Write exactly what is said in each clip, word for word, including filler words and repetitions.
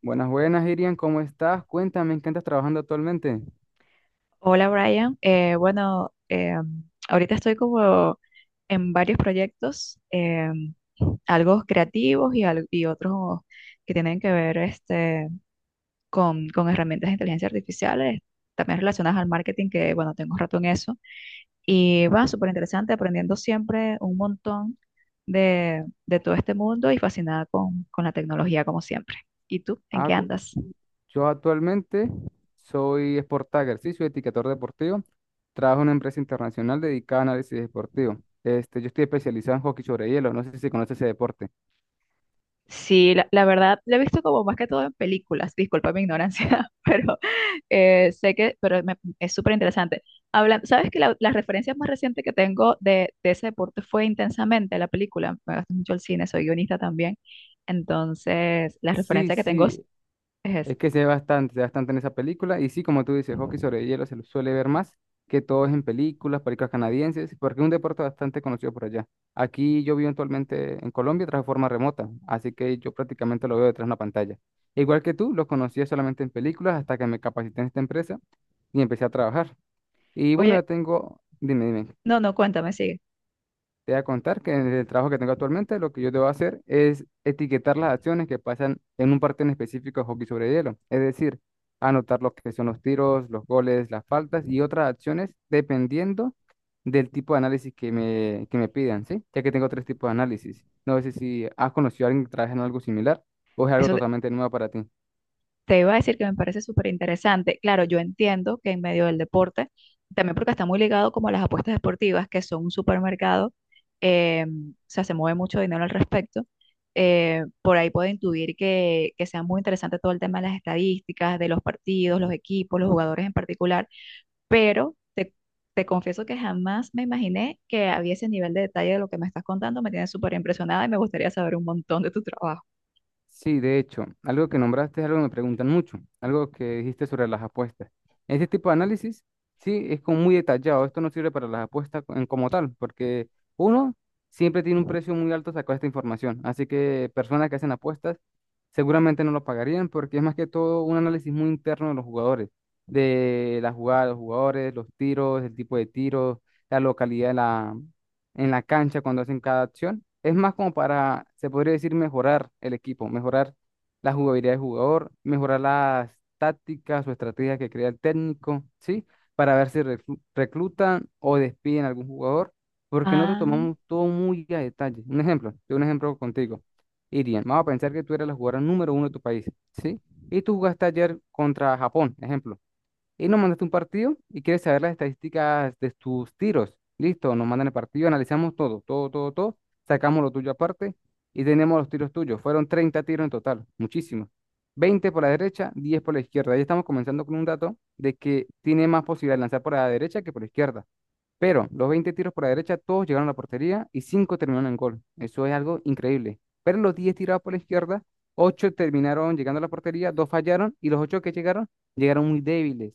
Buenas, buenas, Irian, ¿cómo estás? Cuéntame, ¿en qué estás trabajando actualmente? Hola Brian. Eh, bueno, em, ahorita estoy como en varios proyectos, em, algo creativos y, al- y otros que tienen que ver este, con, con herramientas de inteligencia artificial, eh, también relacionadas al marketing, que bueno, tengo rato en eso. Y va súper interesante, aprendiendo siempre un montón de, de todo este mundo y fascinada con, con la tecnología como siempre. ¿Y tú, en Ah, qué cu- andas? yo actualmente soy Sport Tagger, sí, soy etiquetador deportivo. Trabajo en una empresa internacional dedicada a análisis deportivo. Este, yo estoy especializado en hockey sobre hielo, no sé si conoces ese deporte. Sí, la, la verdad, lo he visto como más que todo en películas, disculpa mi ignorancia, pero eh, sé que, pero me- es súper interesante. Habla, ¿sabes que la, las referencias más reciente que tengo de, de ese deporte fue Intensamente, la película? Me gusta mucho el cine, soy guionista también, entonces la Sí, referencia que tengo es, sí. es- esa. Es que se ve bastante, se ve bastante en esa película. Y sí, como tú dices, hockey sobre hielo se lo suele ver más que todo es en películas, películas canadienses, porque es un deporte bastante conocido por allá. Aquí yo vivo actualmente en Colombia tras forma remota, así que yo prácticamente lo veo detrás de una pantalla. Igual que tú, lo conocía solamente en películas hasta que me capacité en esta empresa y empecé a trabajar. Y bueno, ya Oye, tengo, dime, dime. no, no, cuéntame, sigue. Te voy a contar que en el trabajo que tengo actualmente, lo que yo debo hacer es etiquetar las acciones que pasan en un partido en específico de hockey sobre hielo. Es decir, anotar lo que son los tiros, los goles, las faltas y otras acciones dependiendo del tipo de análisis que me, que me pidan, ¿sí? Ya que tengo tres tipos de análisis. No sé si has conocido a alguien que trabaja en algo similar o es algo Eso. totalmente nuevo para ti. Te iba a decir que me parece súper interesante. Claro, yo entiendo que en medio del deporte, también porque está muy ligado como a las apuestas deportivas, que son un supermercado, eh, o sea, se mueve mucho dinero al respecto. eh, por ahí puedo intuir que, que sea muy interesante todo el tema de las estadísticas, de los partidos, los equipos, los jugadores en particular, pero te, te confieso que jamás me imaginé que había ese nivel de detalle de lo que me estás contando. Me tienes súper impresionada y me gustaría saber un montón de tu trabajo. Sí, de hecho, algo que nombraste es algo que me preguntan mucho, algo que dijiste sobre las apuestas. Este tipo de análisis, sí, es como muy detallado. Esto no sirve para las apuestas co- en como tal, porque uno siempre tiene un precio muy alto sacar esta información. Así que personas que hacen apuestas seguramente no lo pagarían porque es más que todo un análisis muy interno de los jugadores, de la jugada de los jugadores, los tiros, el tipo de tiros, la localidad en la cancha cuando hacen cada acción. Es más como para, se podría decir, mejorar el equipo, mejorar la jugabilidad del jugador, mejorar las tácticas o estrategias que crea el técnico, ¿sí? Para ver si reclu- reclutan o despiden a algún jugador, porque nosotros Ah, tomamos todo muy a detalle. Un ejemplo, yo un ejemplo contigo. Irian, vamos a pensar que tú eres la jugadora número uno de tu país, ¿sí? Y tú jugaste ayer contra Japón, ejemplo. Y nos mandaste un partido y quieres saber las estadísticas de tus tiros. Listo, nos mandan el partido, analizamos todo, todo, todo, todo. Sacamos lo tuyo aparte y tenemos los tiros tuyos. Fueron treinta tiros en total, muchísimos. Veinte por la derecha, diez por la izquierda. Ahí estamos comenzando con un dato de que tiene más posibilidad de lanzar por la derecha que por la izquierda. Pero los veinte tiros por la derecha, todos llegaron a la portería y cinco terminaron en gol. Eso es algo increíble. Pero los diez tirados por la izquierda, ocho terminaron llegando a la portería, dos fallaron y los ocho que llegaron, llegaron muy débiles.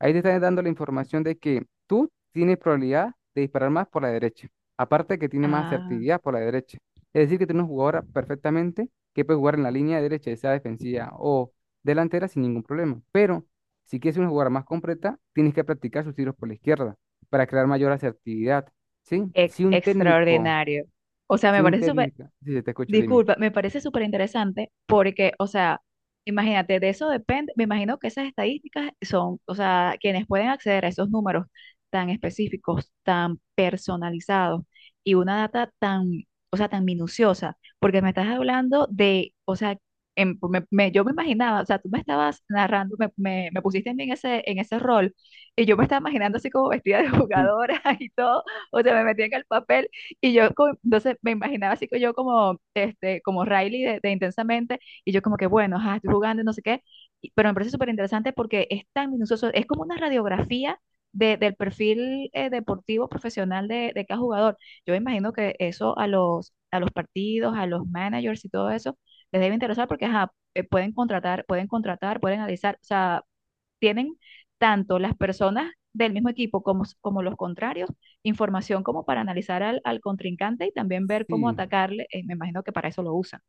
Ahí te están dando la información de que tú tienes probabilidad de disparar más por la derecha. Aparte que tiene más ah. asertividad por la derecha. Es decir, que tiene una jugadora perfectamente que puede jugar en la línea derecha, ya sea defensiva o delantera sin ningún problema. Pero si quieres una jugadora más completa, tienes que practicar sus tiros por la izquierda para crear mayor asertividad, ¿sí? Ex- Si un técnico, Extraordinario. O sea, si me un parece súper. técnico, sí sí, te escucho, dime. Disculpa, me parece súper interesante porque, o sea, imagínate, de eso depende, me imagino que esas estadísticas son, o sea, quienes pueden acceder a esos números tan específicos, tan personalizados y una data tan, o sea, tan minuciosa, porque me estás hablando de, o sea, en- me- me- yo me imaginaba, o sea, tú me estabas narrando, me, me, me pusiste en ese, en ese rol y yo me estaba imaginando así como vestida de Mm. jugadora y todo, o sea, me metí en el papel y yo, co- entonces me imaginaba así que yo como, este, como Riley de, de Intensamente, y yo como que, bueno, ajá, estoy jugando, y no sé qué, y- pero me parece súper interesante porque es tan minucioso, es como una radiografía de- del perfil eh, deportivo profesional de, de cada jugador. Yo me imagino que eso a los, a los partidos, a los managers y todo eso, les debe interesar porque ajá, eh, pueden contratar, pueden contratar, pueden analizar, o sea, tienen tanto las personas del mismo equipo como, como los contrarios, información como para analizar al, al contrincante y también ver cómo Sí. atacarle. Eh, me imagino que para eso lo usan.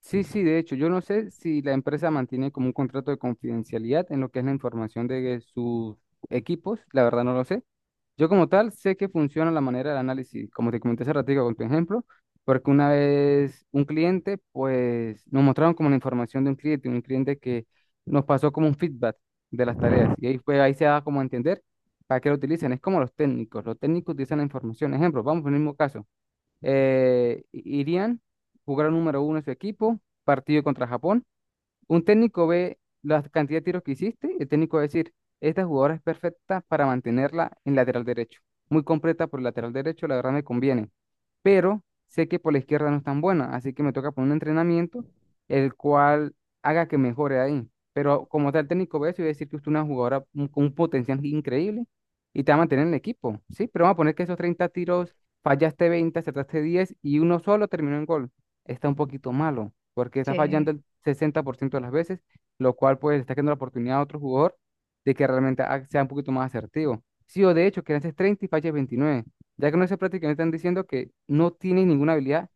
Sí, sí, de hecho, yo no sé si la empresa mantiene como un contrato de confidencialidad en lo que es la información de sus equipos, la verdad no lo sé. Yo como tal sé que funciona la manera del análisis, como te comenté hace ratito con tu ejemplo, porque una vez un cliente, pues nos mostraron como la información de un cliente, un cliente que nos pasó como un feedback de las tareas y ahí fue, ahí se da como a entender para qué lo utilizan. Es como los técnicos, los técnicos utilizan la información. Ejemplo, vamos por el mismo caso, eh, Irían, jugar número uno en su equipo, partido contra Japón. Un técnico ve la cantidad de tiros que hiciste y el técnico va a decir, esta jugadora es perfecta para mantenerla en lateral derecho. Muy completa por el lateral derecho, la verdad me conviene. Pero sé que por la izquierda no es tan buena, así que me toca poner un entrenamiento el cual haga que mejore ahí. Pero como tal, el técnico ve eso y va a decir que usted es una jugadora un- con un potencial increíble y te va a mantener en el equipo, ¿sí? Pero vamos a poner que esos treinta tiros fallaste veinte, acertaste diez y uno solo terminó en gol, está un poquito malo, porque está fallando Sí. el sesenta por ciento de las veces, lo cual pues está dando la oportunidad a otro jugador de que realmente ha- sea un poquito más asertivo. Sí, o de hecho, que lances treinta y falles veintinueve, ya que no se prácticamente están diciendo que no tiene ninguna habilidad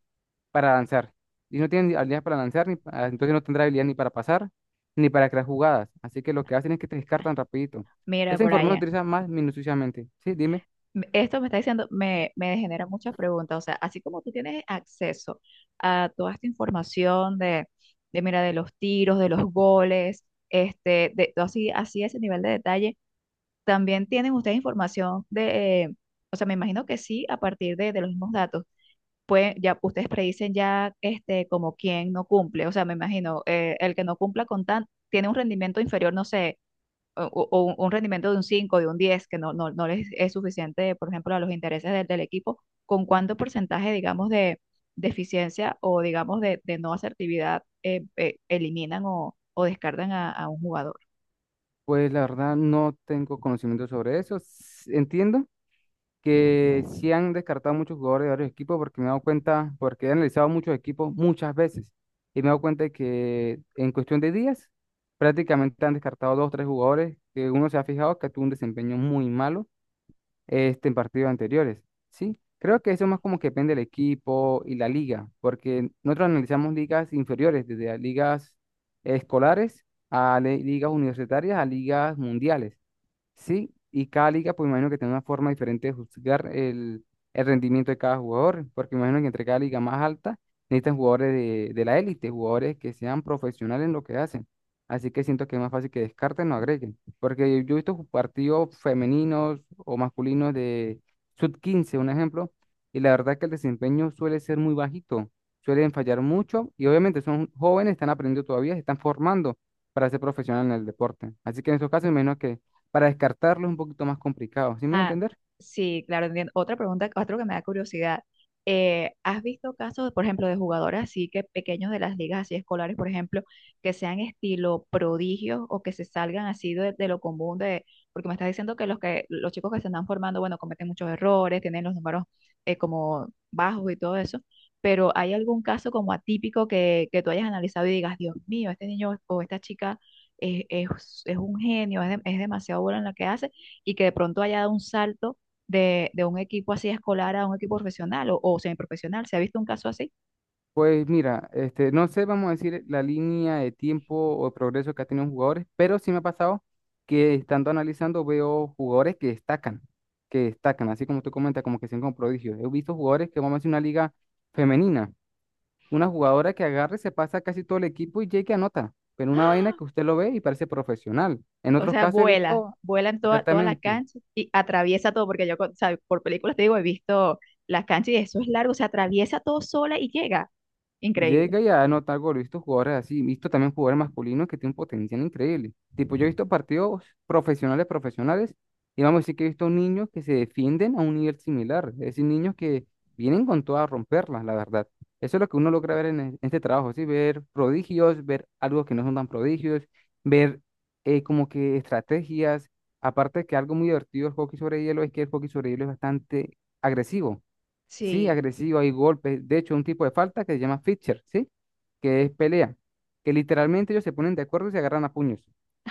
para lanzar. Y no tiene ni habilidad para lanzar, ni pa- entonces no tendrá habilidad ni para pasar, ni para crear jugadas. Así que lo que hacen es que te descartan rapidito. Mira, Esa información se Brian, utiliza más minuciosamente. Sí, dime. m- esto me está diciendo, me, me genera muchas preguntas. O sea, así como tú tienes acceso a toda esta información de, de mira, de los tiros, de los goles, este, de todo así, así ese nivel de detalle, también tienen ustedes información de, eh, o sea, me imagino que sí, a partir de, de los mismos datos pues ya ustedes predicen ya este, como quién no cumple. O sea, me imagino, eh, el que no cumpla con tan, tiene un rendimiento inferior, no sé, o, o- o un un rendimiento de un cinco de un diez que no, no, no les es suficiente, por ejemplo, a los intereses del, del equipo. ¿Con cuánto porcentaje, digamos, de deficiencia o, digamos, de, de no asertividad eh, eh, eliminan o, o descartan a, a un jugador? Pues la verdad no tengo conocimiento sobre eso. S- Entiendo que sí han descartado muchos jugadores de varios equipos porque me he dado cuenta, porque he analizado muchos equipos muchas veces y me he dado cuenta de que en cuestión de días prácticamente han descartado dos o tres jugadores que uno se ha fijado que tuvo un desempeño muy malo, este, en partidos anteriores, ¿sí? Creo que eso más como que depende del equipo y la liga, porque nosotros analizamos ligas inferiores, desde las ligas escolares a le- ligas universitarias a ligas mundiales. Sí, y cada liga, pues imagino que tiene una forma diferente de juzgar el, el rendimiento de cada jugador, porque imagino que entre cada liga más alta necesitan jugadores de, de la élite, jugadores que sean profesionales en lo que hacen. Así que siento que es más fácil que descarten o agreguen, porque yo he visto ju- partidos femeninos o masculinos de sub quince, un ejemplo, y la verdad que el desempeño suele ser muy bajito, suelen fallar mucho y obviamente son jóvenes, están aprendiendo todavía, se están formando para ser profesionales en el deporte. Así que en esos casos, menos para descartarlo es un poquito más complicado, ¿sí me voy a Ah, entender? sí, claro, entiendo. Otra pregunta, otro que me da curiosidad. Eh, ¿has visto casos, por ejemplo, de jugadores así que pequeños de las ligas así escolares, por ejemplo, que sean estilo prodigios o que se salgan así de, de lo común de, porque me estás diciendo que los que los chicos que se están formando, bueno, cometen muchos errores, tienen los números eh, como bajos y todo eso, pero ¿hay algún caso como atípico que, que tú hayas analizado y digas, Dios mío, este niño o esta chica es, es- es un genio, es, de- es demasiado bueno en lo que hace? Y que de pronto haya dado un salto de, de un equipo así escolar a un equipo profesional o, o semiprofesional. ¿Se ha visto un caso así? Pues mira, este, no sé, vamos a decir la línea de tiempo o de progreso que ha tenido jugadores, pero sí me ha pasado que estando analizando veo jugadores que destacan, que destacan, así como tú comentas, como que son como prodigios. He visto jugadores que vamos a decir una liga femenina, una jugadora que agarre, se pasa casi todo el equipo y llega y anota, pero una vaina que usted lo ve y parece profesional. En O otros sea, casos he vuela, visto, vuela en toda, toda la exactamente. cancha y atraviesa todo, porque yo, con- o sea, por películas te digo, he visto las canchas y eso es largo, se atraviesa todo sola y llega. Increíble. Llega y anota gol. He visto jugadores así, he visto también jugadores masculinos que tienen un potencial increíble. Tipo, yo he visto partidos profesionales, profesionales, y vamos a decir que he visto niños que se defienden a un nivel similar. Es decir, niños que vienen con toda a romperlas, la verdad. Eso es lo que uno logra ver en e- este trabajo, ¿sí? Ver prodigios, ver algo que no son tan prodigios, ver eh, como que estrategias. Aparte de que algo muy divertido del hockey sobre hielo es que el hockey sobre hielo es bastante agresivo. Sí, Sí. agresivo, hay golpes. De hecho, un tipo de falta que se llama feature, ¿sí? Que es pelea. Que literalmente ellos se ponen de acuerdo y se agarran a puños.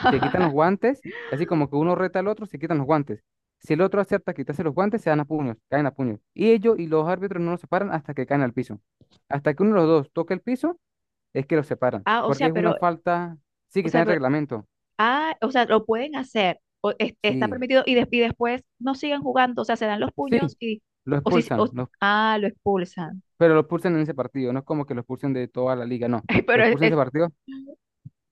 Se quitan los guantes, así como que uno reta al otro, se quitan los guantes. Si el otro acepta quitarse los guantes, se dan a puños, caen a puños. Y ellos y los árbitros no los separan hasta que caen al piso. Hasta que uno de los dos toque el piso, es que los separan. Ah, o Porque sea, es una pero, falta, sí, o que está en sea, el pero, reglamento. ah, o sea, lo pueden hacer, o es- está Sí, permitido y, des- y después no siguen jugando, o sea, se dan los puños sí, y, lo o si, expulsan, o- lo- ah, lo expulsan. pero lo expulsan en ese partido. No es como que lo expulsen de toda la liga, no. Lo Pero es, expulsan en ese es- partido.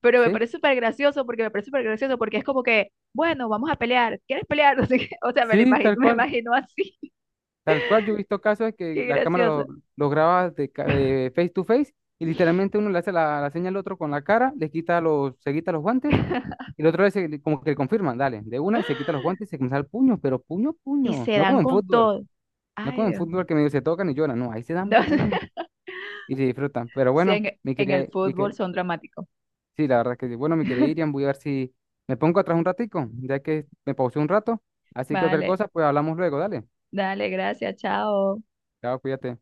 pero me ¿sí? parece súper gracioso porque me parece súper gracioso porque es como que, bueno, vamos a pelear, ¿quieres pelear? No sé qué. O sea, me lo Sí, imagino, tal me cual, imagino así, tal cual. Yo he visto casos de que qué la cámara lo, gracioso. lo graba de, ca- de face to face y literalmente uno le hace la, la señal al otro con la cara, le quita los, se quita los guantes y el otro le hace- como que le confirman, dale, de una se quita los guantes y se comienza el puño, pero puño, Y puño. se No dan como en con fútbol, todo. no Ay, como en Dios. fútbol que medio se tocan y lloran, no, ahí se dan No, puño y se disfrutan. Pero sí, bueno, en, mi en el quería, mi fútbol que, son dramáticos. sí, la verdad que sí. Bueno, mi querida Irian, voy a ver si me pongo atrás un ratico, ya que me pausé un rato. Así que cualquier Vale, cosa, pues hablamos luego, dale. dale, gracias, chao. Chao, cuídate.